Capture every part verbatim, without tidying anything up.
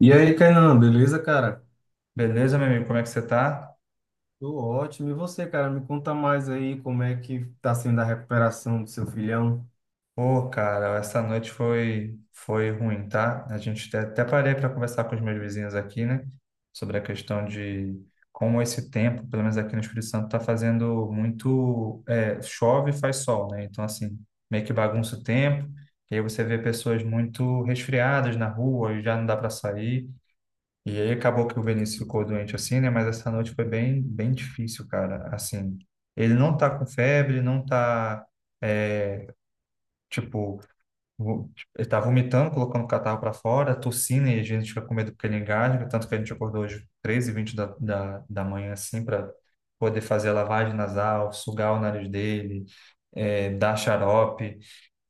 E aí, Kainan, beleza, cara? Beleza, meu amigo, como é que você tá? Tô ótimo. E você, cara, me conta mais aí como é que tá sendo a recuperação do seu filhão? Ô, cara, essa noite foi foi ruim, tá? A gente até até parei para conversar com os meus vizinhos aqui, né? Sobre a questão de como esse tempo, pelo menos aqui no Espírito Santo, tá fazendo muito é, chove e faz sol, né? Então, assim, meio que bagunça o tempo. E aí você vê pessoas muito resfriadas na rua e já não dá para sair. E aí acabou que o Vinícius ficou doente assim, né? Mas essa noite foi bem, bem difícil, cara. Assim, ele não tá com febre, não tá, é, tipo, vo- ele tá vomitando, colocando o catarro pra fora, tossindo, e a gente fica com medo porque ele engasga. Tanto que a gente acordou hoje três e vinte da, da, da manhã, assim, para poder fazer a lavagem nasal, sugar o nariz dele, é, dar xarope.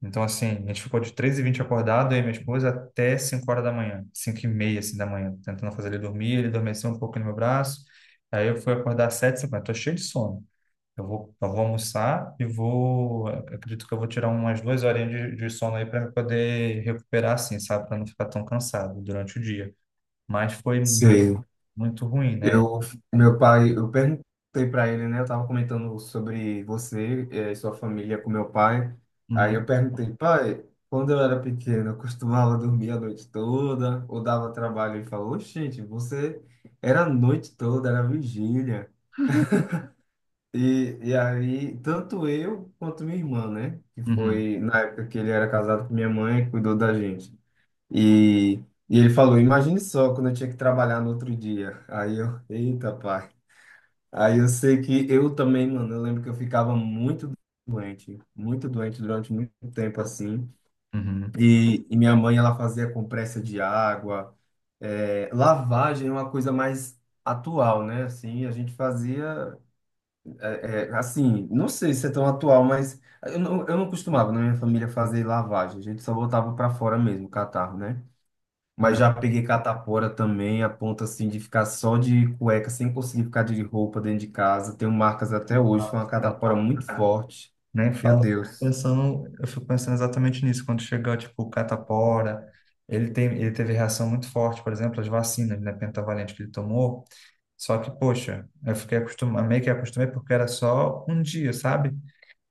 Então, assim, a gente ficou de três e vinte acordado, eu e minha esposa, até cinco horas da manhã, cinco e meia, assim, da manhã, tentando fazer ele dormir, ele adormeceu um pouco no meu braço, aí eu fui acordar às sete e cinquenta, tô cheio de sono. Eu vou, eu vou almoçar e vou, acredito que eu vou tirar umas duas horinhas de, de sono aí para poder recuperar, assim, sabe, para não ficar tão cansado durante o dia. Mas foi mu- Sei. muito ruim, né? Eu, meu pai, eu perguntei pra ele, né? Eu tava comentando sobre você eh, e sua família com meu pai. Aí eu Uhum, perguntei, pai, quando eu era pequeno, eu costumava dormir a noite toda ou dava trabalho? Ele falou, gente, você era a noite toda, era vigília. E, e aí, tanto eu quanto minha irmã, né? Que uhum, foi na época que ele era casado com minha mãe, cuidou da gente. E, e ele falou: Imagine só quando eu tinha que trabalhar no outro dia. Aí eu, eita, pai. Aí eu sei que eu também, mano, eu lembro que eu ficava muito doente, muito doente durante muito tempo assim. uhum. E, e minha mãe, ela fazia compressa de água. É, lavagem é uma coisa mais atual, né? Assim, a gente fazia. É, é, assim, não sei se é tão atual, mas eu não, eu não costumava na minha família fazer lavagem, a gente só botava para fora mesmo, catarro, né? Mas já peguei catapora também, a ponto assim de ficar só de cueca, sem conseguir ficar de roupa dentro de casa. Tenho marcas até hoje, foi uma Não, catapora muito forte. Nem Meu fala, eu fico Deus. pensando, eu fico pensando exatamente nisso. Quando chega, tipo, o catapora, ele tem, ele teve reação muito forte, por exemplo, às vacinas, né, pentavalente que ele tomou. Só que, poxa, eu fiquei acostumado, meio que acostumei porque era só um dia, sabe?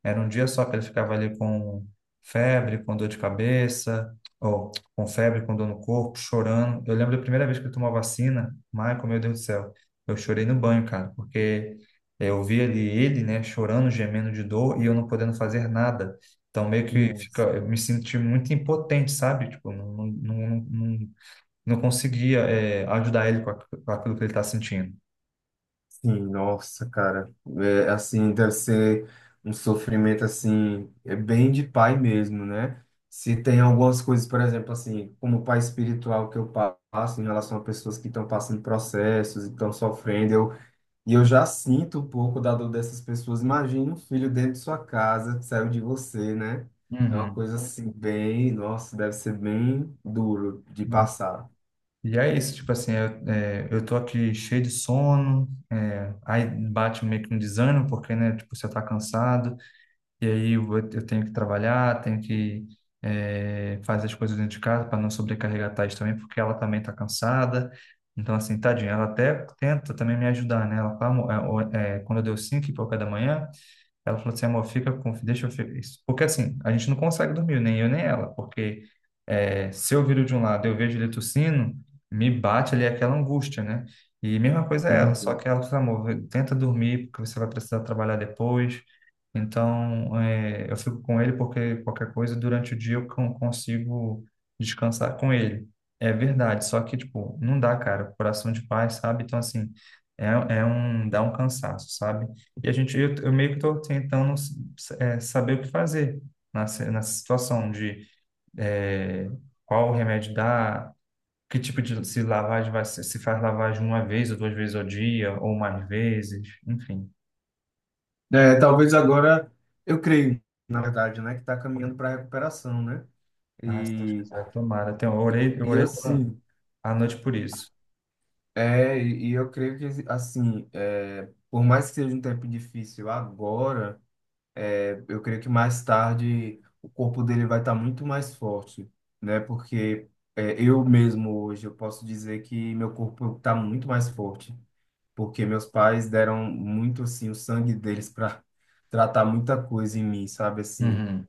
Era um dia só que ele ficava ali com febre, com dor de cabeça, ou com febre, com dor no corpo, chorando. Eu lembro da primeira vez que eu tomou a vacina, Michael, meu Deus do céu, eu chorei no banho, cara, porque eu vi ali ele, né, chorando, gemendo de dor e eu não podendo fazer nada. Então, meio que fica, Nossa. eu me senti muito impotente, sabe? Tipo, não, não, não, não, não conseguia, eh, ajudar ele com aqu- com aquilo que ele está sentindo. Sim, nossa, cara. É, assim, deve ser um sofrimento, assim, é bem de pai mesmo, né? Se tem algumas coisas, por exemplo, assim, como pai espiritual que eu passo em relação a pessoas que estão passando processos e estão sofrendo, eu, e eu já sinto um pouco da dor dessas pessoas. Imagina um filho dentro de sua casa que saiu de você, né? É uma Uhum. coisa assim, bem, nossa, deve ser bem duro de passar. E é isso, tipo assim, eu, é, eu tô aqui cheio de sono, é, aí bate meio que um desânimo, porque, né, tipo, você tá cansado, e aí eu, vou- eu tenho que trabalhar, tenho que é, fazer as coisas dentro de casa para não sobrecarregar a Thaís também, porque ela também tá cansada. Então, assim, tadinha, ela até tenta também me ajudar, né? Ela fala, "Amor, é, ó, é, quando eu deu cinco e pouca da manhã, ela falou assim, amor, fica com, deixa eu ficar isso. Porque assim, a gente não consegue dormir, nem eu nem ela, porque é, se eu viro de um lado e eu vejo ele tossindo, me bate ali aquela angústia, né? E mesma coisa é ela, só Uhum. que ela falou, amor, tenta dormir, porque você vai precisar trabalhar depois. Então, é, eu fico com ele porque qualquer coisa durante o dia eu con- consigo descansar com ele. É verdade, só que, tipo, não dá, cara, coração de pai, sabe? Então, assim, é, é um, dá um cansaço, sabe? E a gente, eu, eu meio que estou tentando é, saber o que fazer nessa, nessa situação de é, qual remédio dá, que tipo de se lavagem vai ser, se faz lavagem uma vez ou duas vezes ao dia, ou mais vezes, enfim. É, talvez agora, eu creio, na verdade, né, que está caminhando para a recuperação, né? Ah, se Deus E, quiser, tomara. Então, eu e, orei, eu e orei pela- assim, à noite por isso. é, e e eu creio que, assim, é, por mais que seja um tempo difícil agora, é, eu creio que mais tarde o corpo dele vai estar muito mais forte, né? Porque é, eu mesmo hoje, eu posso dizer que meu corpo está muito mais forte, porque meus pais deram muito, assim, o sangue deles para tratar muita coisa em mim, sabe, assim. Uhum.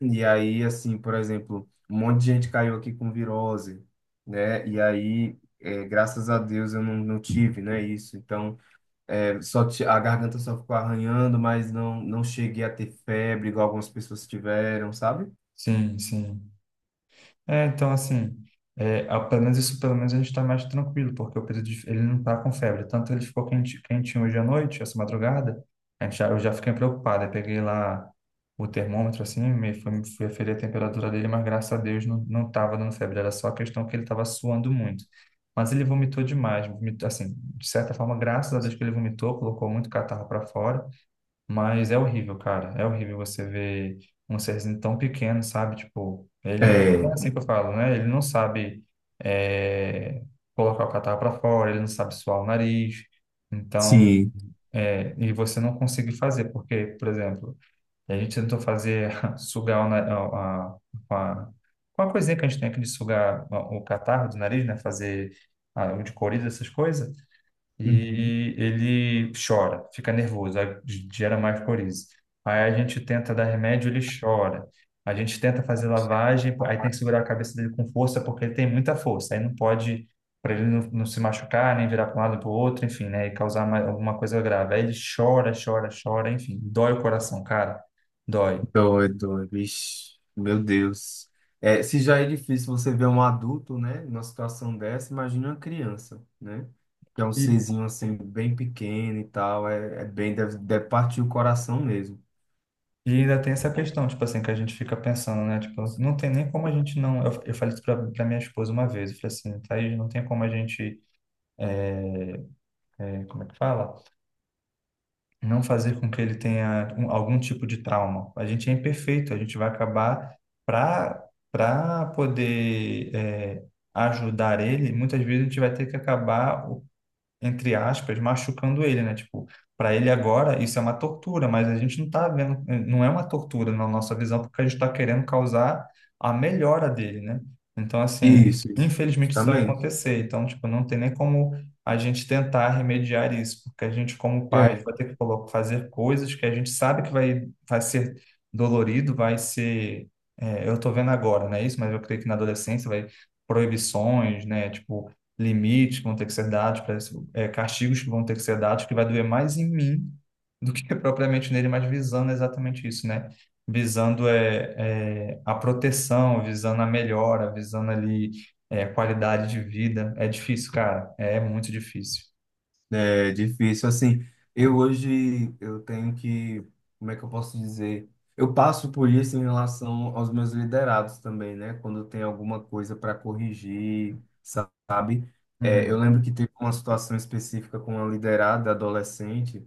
E aí, assim, por exemplo, um monte de gente caiu aqui com virose, né? E aí, é, graças a Deus eu não, não tive, né, isso. Então, é, só ti- a garganta só ficou arranhando, mas não, não cheguei a ter febre, igual algumas pessoas tiveram, sabe? Sim, sim. É, então, assim, é, ah, pelo menos isso, pelo menos a gente está mais tranquilo, porque o Pedro, de- ele não está com febre. Tanto ele ficou quente, quentinho hoje à noite, essa madrugada, a gente já, eu já fiquei preocupado. Eu peguei lá o termômetro, assim, me, fui, fui aferir a temperatura dele, mas graças a Deus não, não estava dando febre, era só a questão que ele estava suando muito. Mas ele vomitou demais, vomitou, assim, de certa forma, graças a Deus que ele vomitou, colocou muito catarro para fora, mas é horrível, cara. É horrível você ver um serzinho tão pequeno, sabe? Tipo, ele, É, é assim que eu falo, né? Ele não sabe é, colocar o catarro para fora, ele não sabe suar o nariz. Então, sim. é, e você não consegue fazer, porque, por exemplo, a gente tentou fazer sugar o, na- a, a, com a, com a coisinha que a gente tem aqui de sugar o catarro do nariz, né? Fazer a, o de coriza, essas coisas Uhum. e ele chora, fica nervoso, aí gera mais coriza. Aí a gente tenta dar remédio, ele chora. A gente tenta fazer lavagem, aí tem que segurar a cabeça dele com força, porque ele tem muita força. Aí não pode, para ele não, não se machucar, nem virar para um lado para o outro, enfim, né? E causar mais, alguma coisa grave. Aí ele chora, chora, chora, enfim, dói o coração, cara, dói. Doido, vixe, meu Deus. É, se já é difícil você ver um adulto, né, numa situação dessa, imagina uma criança, né? Que é um E, serzinho assim, bem pequeno e tal, é, é bem, deve, deve partir o coração mesmo. e ainda tem essa questão, tipo assim, que a gente fica pensando, né? Tipo, não tem nem como a gente não. Eu, eu falei isso para minha esposa uma vez, eu falei assim, Thaís, não tem como a gente. é, é, Como é que fala? Não fazer com que ele tenha um- algum tipo de trauma. A gente é imperfeito, a gente vai acabar para para poder é, ajudar ele, muitas vezes a gente vai ter que acabar entre aspas, machucando ele, né? Tipo, para ele agora isso é uma tortura, mas a gente não tá vendo, eh, não é uma tortura na nossa visão, porque a gente está querendo causar a melhora dele, né? Então, assim, Isso. infelizmente isso vai Justamente. acontecer. Então, tipo, não tem nem como a gente tentar remediar isso, porque a gente, como pai, É. vai ter que colo- fazer coisas que a gente sabe que vai, vai ser dolorido, vai ser. É, eu tô vendo agora, né? Isso, mas eu creio que na adolescência vai proibições, né? Tipo, limites que vão ter que ser dados, para esse- é, castigos que vão ter que ser dados, que vai doer mais em mim do que propriamente nele, mas visando exatamente isso, né? Visando é, é, a proteção, visando a melhora, visando ali é, a qualidade de vida. É difícil, cara. É muito difícil. É difícil, assim, eu hoje, eu tenho que, como é que eu posso dizer? Eu passo por isso em relação aos meus liderados também, né? Quando tem alguma coisa para corrigir, sabe? É, eu Uhum. lembro que teve uma situação específica com uma liderada adolescente,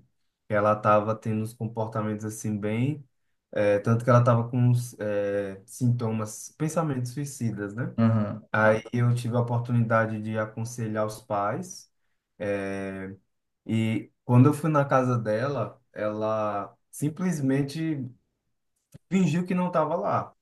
que ela estava tendo uns comportamentos assim bem, é, tanto que ela estava com uns é, sintomas, pensamentos suicidas, né? Uhum. Aí eu tive a oportunidade de aconselhar os pais, é, e quando eu fui na casa dela, ela simplesmente fingiu que não estava lá,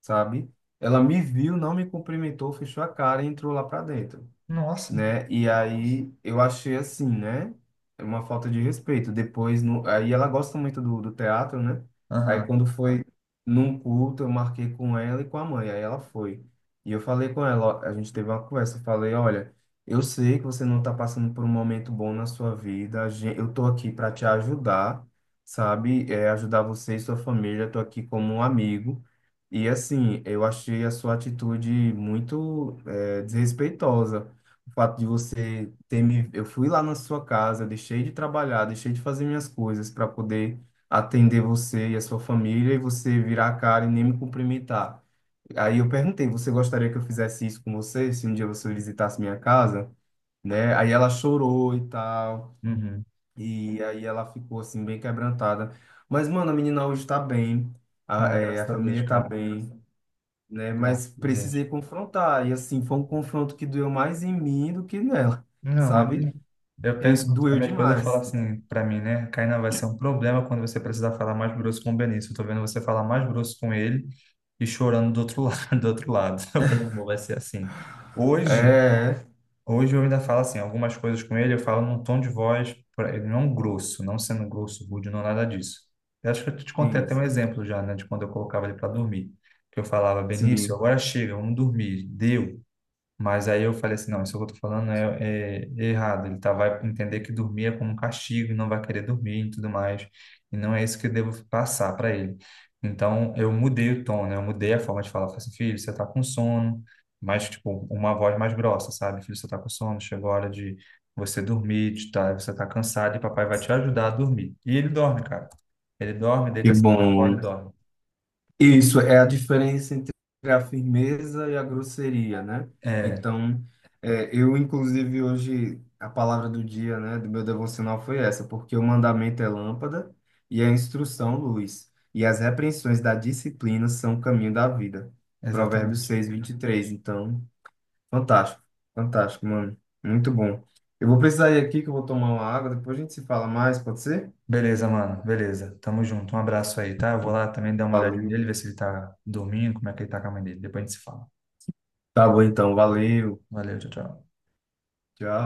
sabe? Ela me viu, não me cumprimentou, fechou a cara e entrou lá para dentro, Nossa. né? E aí eu achei assim, né? É uma falta de respeito. Depois, no... aí ela gosta muito do, do teatro, né? Aí Uhum. quando foi num culto, eu marquei com ela e com a mãe, aí ela foi. E eu falei com ela, ó, a gente teve uma conversa, eu falei, olha, eu sei que você não tá passando por um momento bom na sua vida, a gen- eu tô aqui para te ajudar, sabe? É, ajudar você e sua família, eu tô aqui como um amigo. E assim, eu achei a sua atitude muito, eh, desrespeitosa. O fato de você ter me. Eu fui lá na sua casa, eu deixei de trabalhar, deixei de fazer minhas coisas para poder atender você e a sua família e você virar a cara e nem me cumprimentar. Aí eu perguntei: você gostaria que eu fizesse isso com você, se um dia você visitasse minha casa? Né? Aí ela chorou e tal, Uhum. e aí ela ficou assim, bem quebrantada. Mas, mano, a menina hoje tá bem, a, Ah, é, a graças a Deus, família tá cara. bem, né? Graças Mas a Deus. precisei confrontar, e assim, foi um confronto que doeu mais em mim do que nela, Não, sabe? eu eu E penso, a doeu minha esposa fala demais. assim pra mim, né? Kainan, vai ser um problema quando você precisar falar mais grosso com o Benício. Eu tô vendo você falar mais grosso com ele e chorando do outro lado, do outro lado. Eu falei, amor, vai ser assim. Hoje, É, hoje eu ainda falo assim, algumas coisas com ele, eu falo num tom de voz, pra ele, não grosso, não sendo grosso, rude, não nada disso. Eu acho que eu te contei sim, até um exemplo já, né, de quando eu colocava ele para dormir. Que eu falava, Benício, sim. agora chega, vamos dormir. Deu. Mas aí eu falei assim, não, isso que eu tô falando é, é- é errado. Ele tá, vai entender que dormir é como um castigo, não vai querer dormir e tudo mais. E não é isso que eu devo passar para ele. Então, eu mudei o tom, né? Eu mudei a forma de falar. Eu Falei assim, filho, você tá com sono. Mas, tipo, uma voz mais grossa, sabe? Filho, você tá com sono, chegou a hora de você dormir, de tá, você tá cansado e papai vai te ajudar a dormir. E ele dorme, cara. Ele dorme, Que deita-se no colo bom. e dorme. Isso é a diferença entre a firmeza e a grosseria, né? É, Então, é, eu, inclusive, hoje, a palavra do dia, né, do meu devocional foi essa, porque o mandamento é lâmpada e a instrução luz, e as repreensões da disciplina são o caminho da vida. Provérbios exatamente. seis vinte e três. Então, fantástico, fantástico, mano. Muito bom. Eu vou precisar ir aqui que eu vou tomar uma água, depois a gente se fala mais, pode ser? Beleza, mano. Beleza. Tamo junto. Um abraço aí, tá? Eu vou lá também dar uma olhadinha Valeu. nele, ver se ele tá dormindo, como é que ele tá com a mãe dele. Depois a gente se fala. Tá bom então, valeu. Valeu, tchau, tchau. Tchau.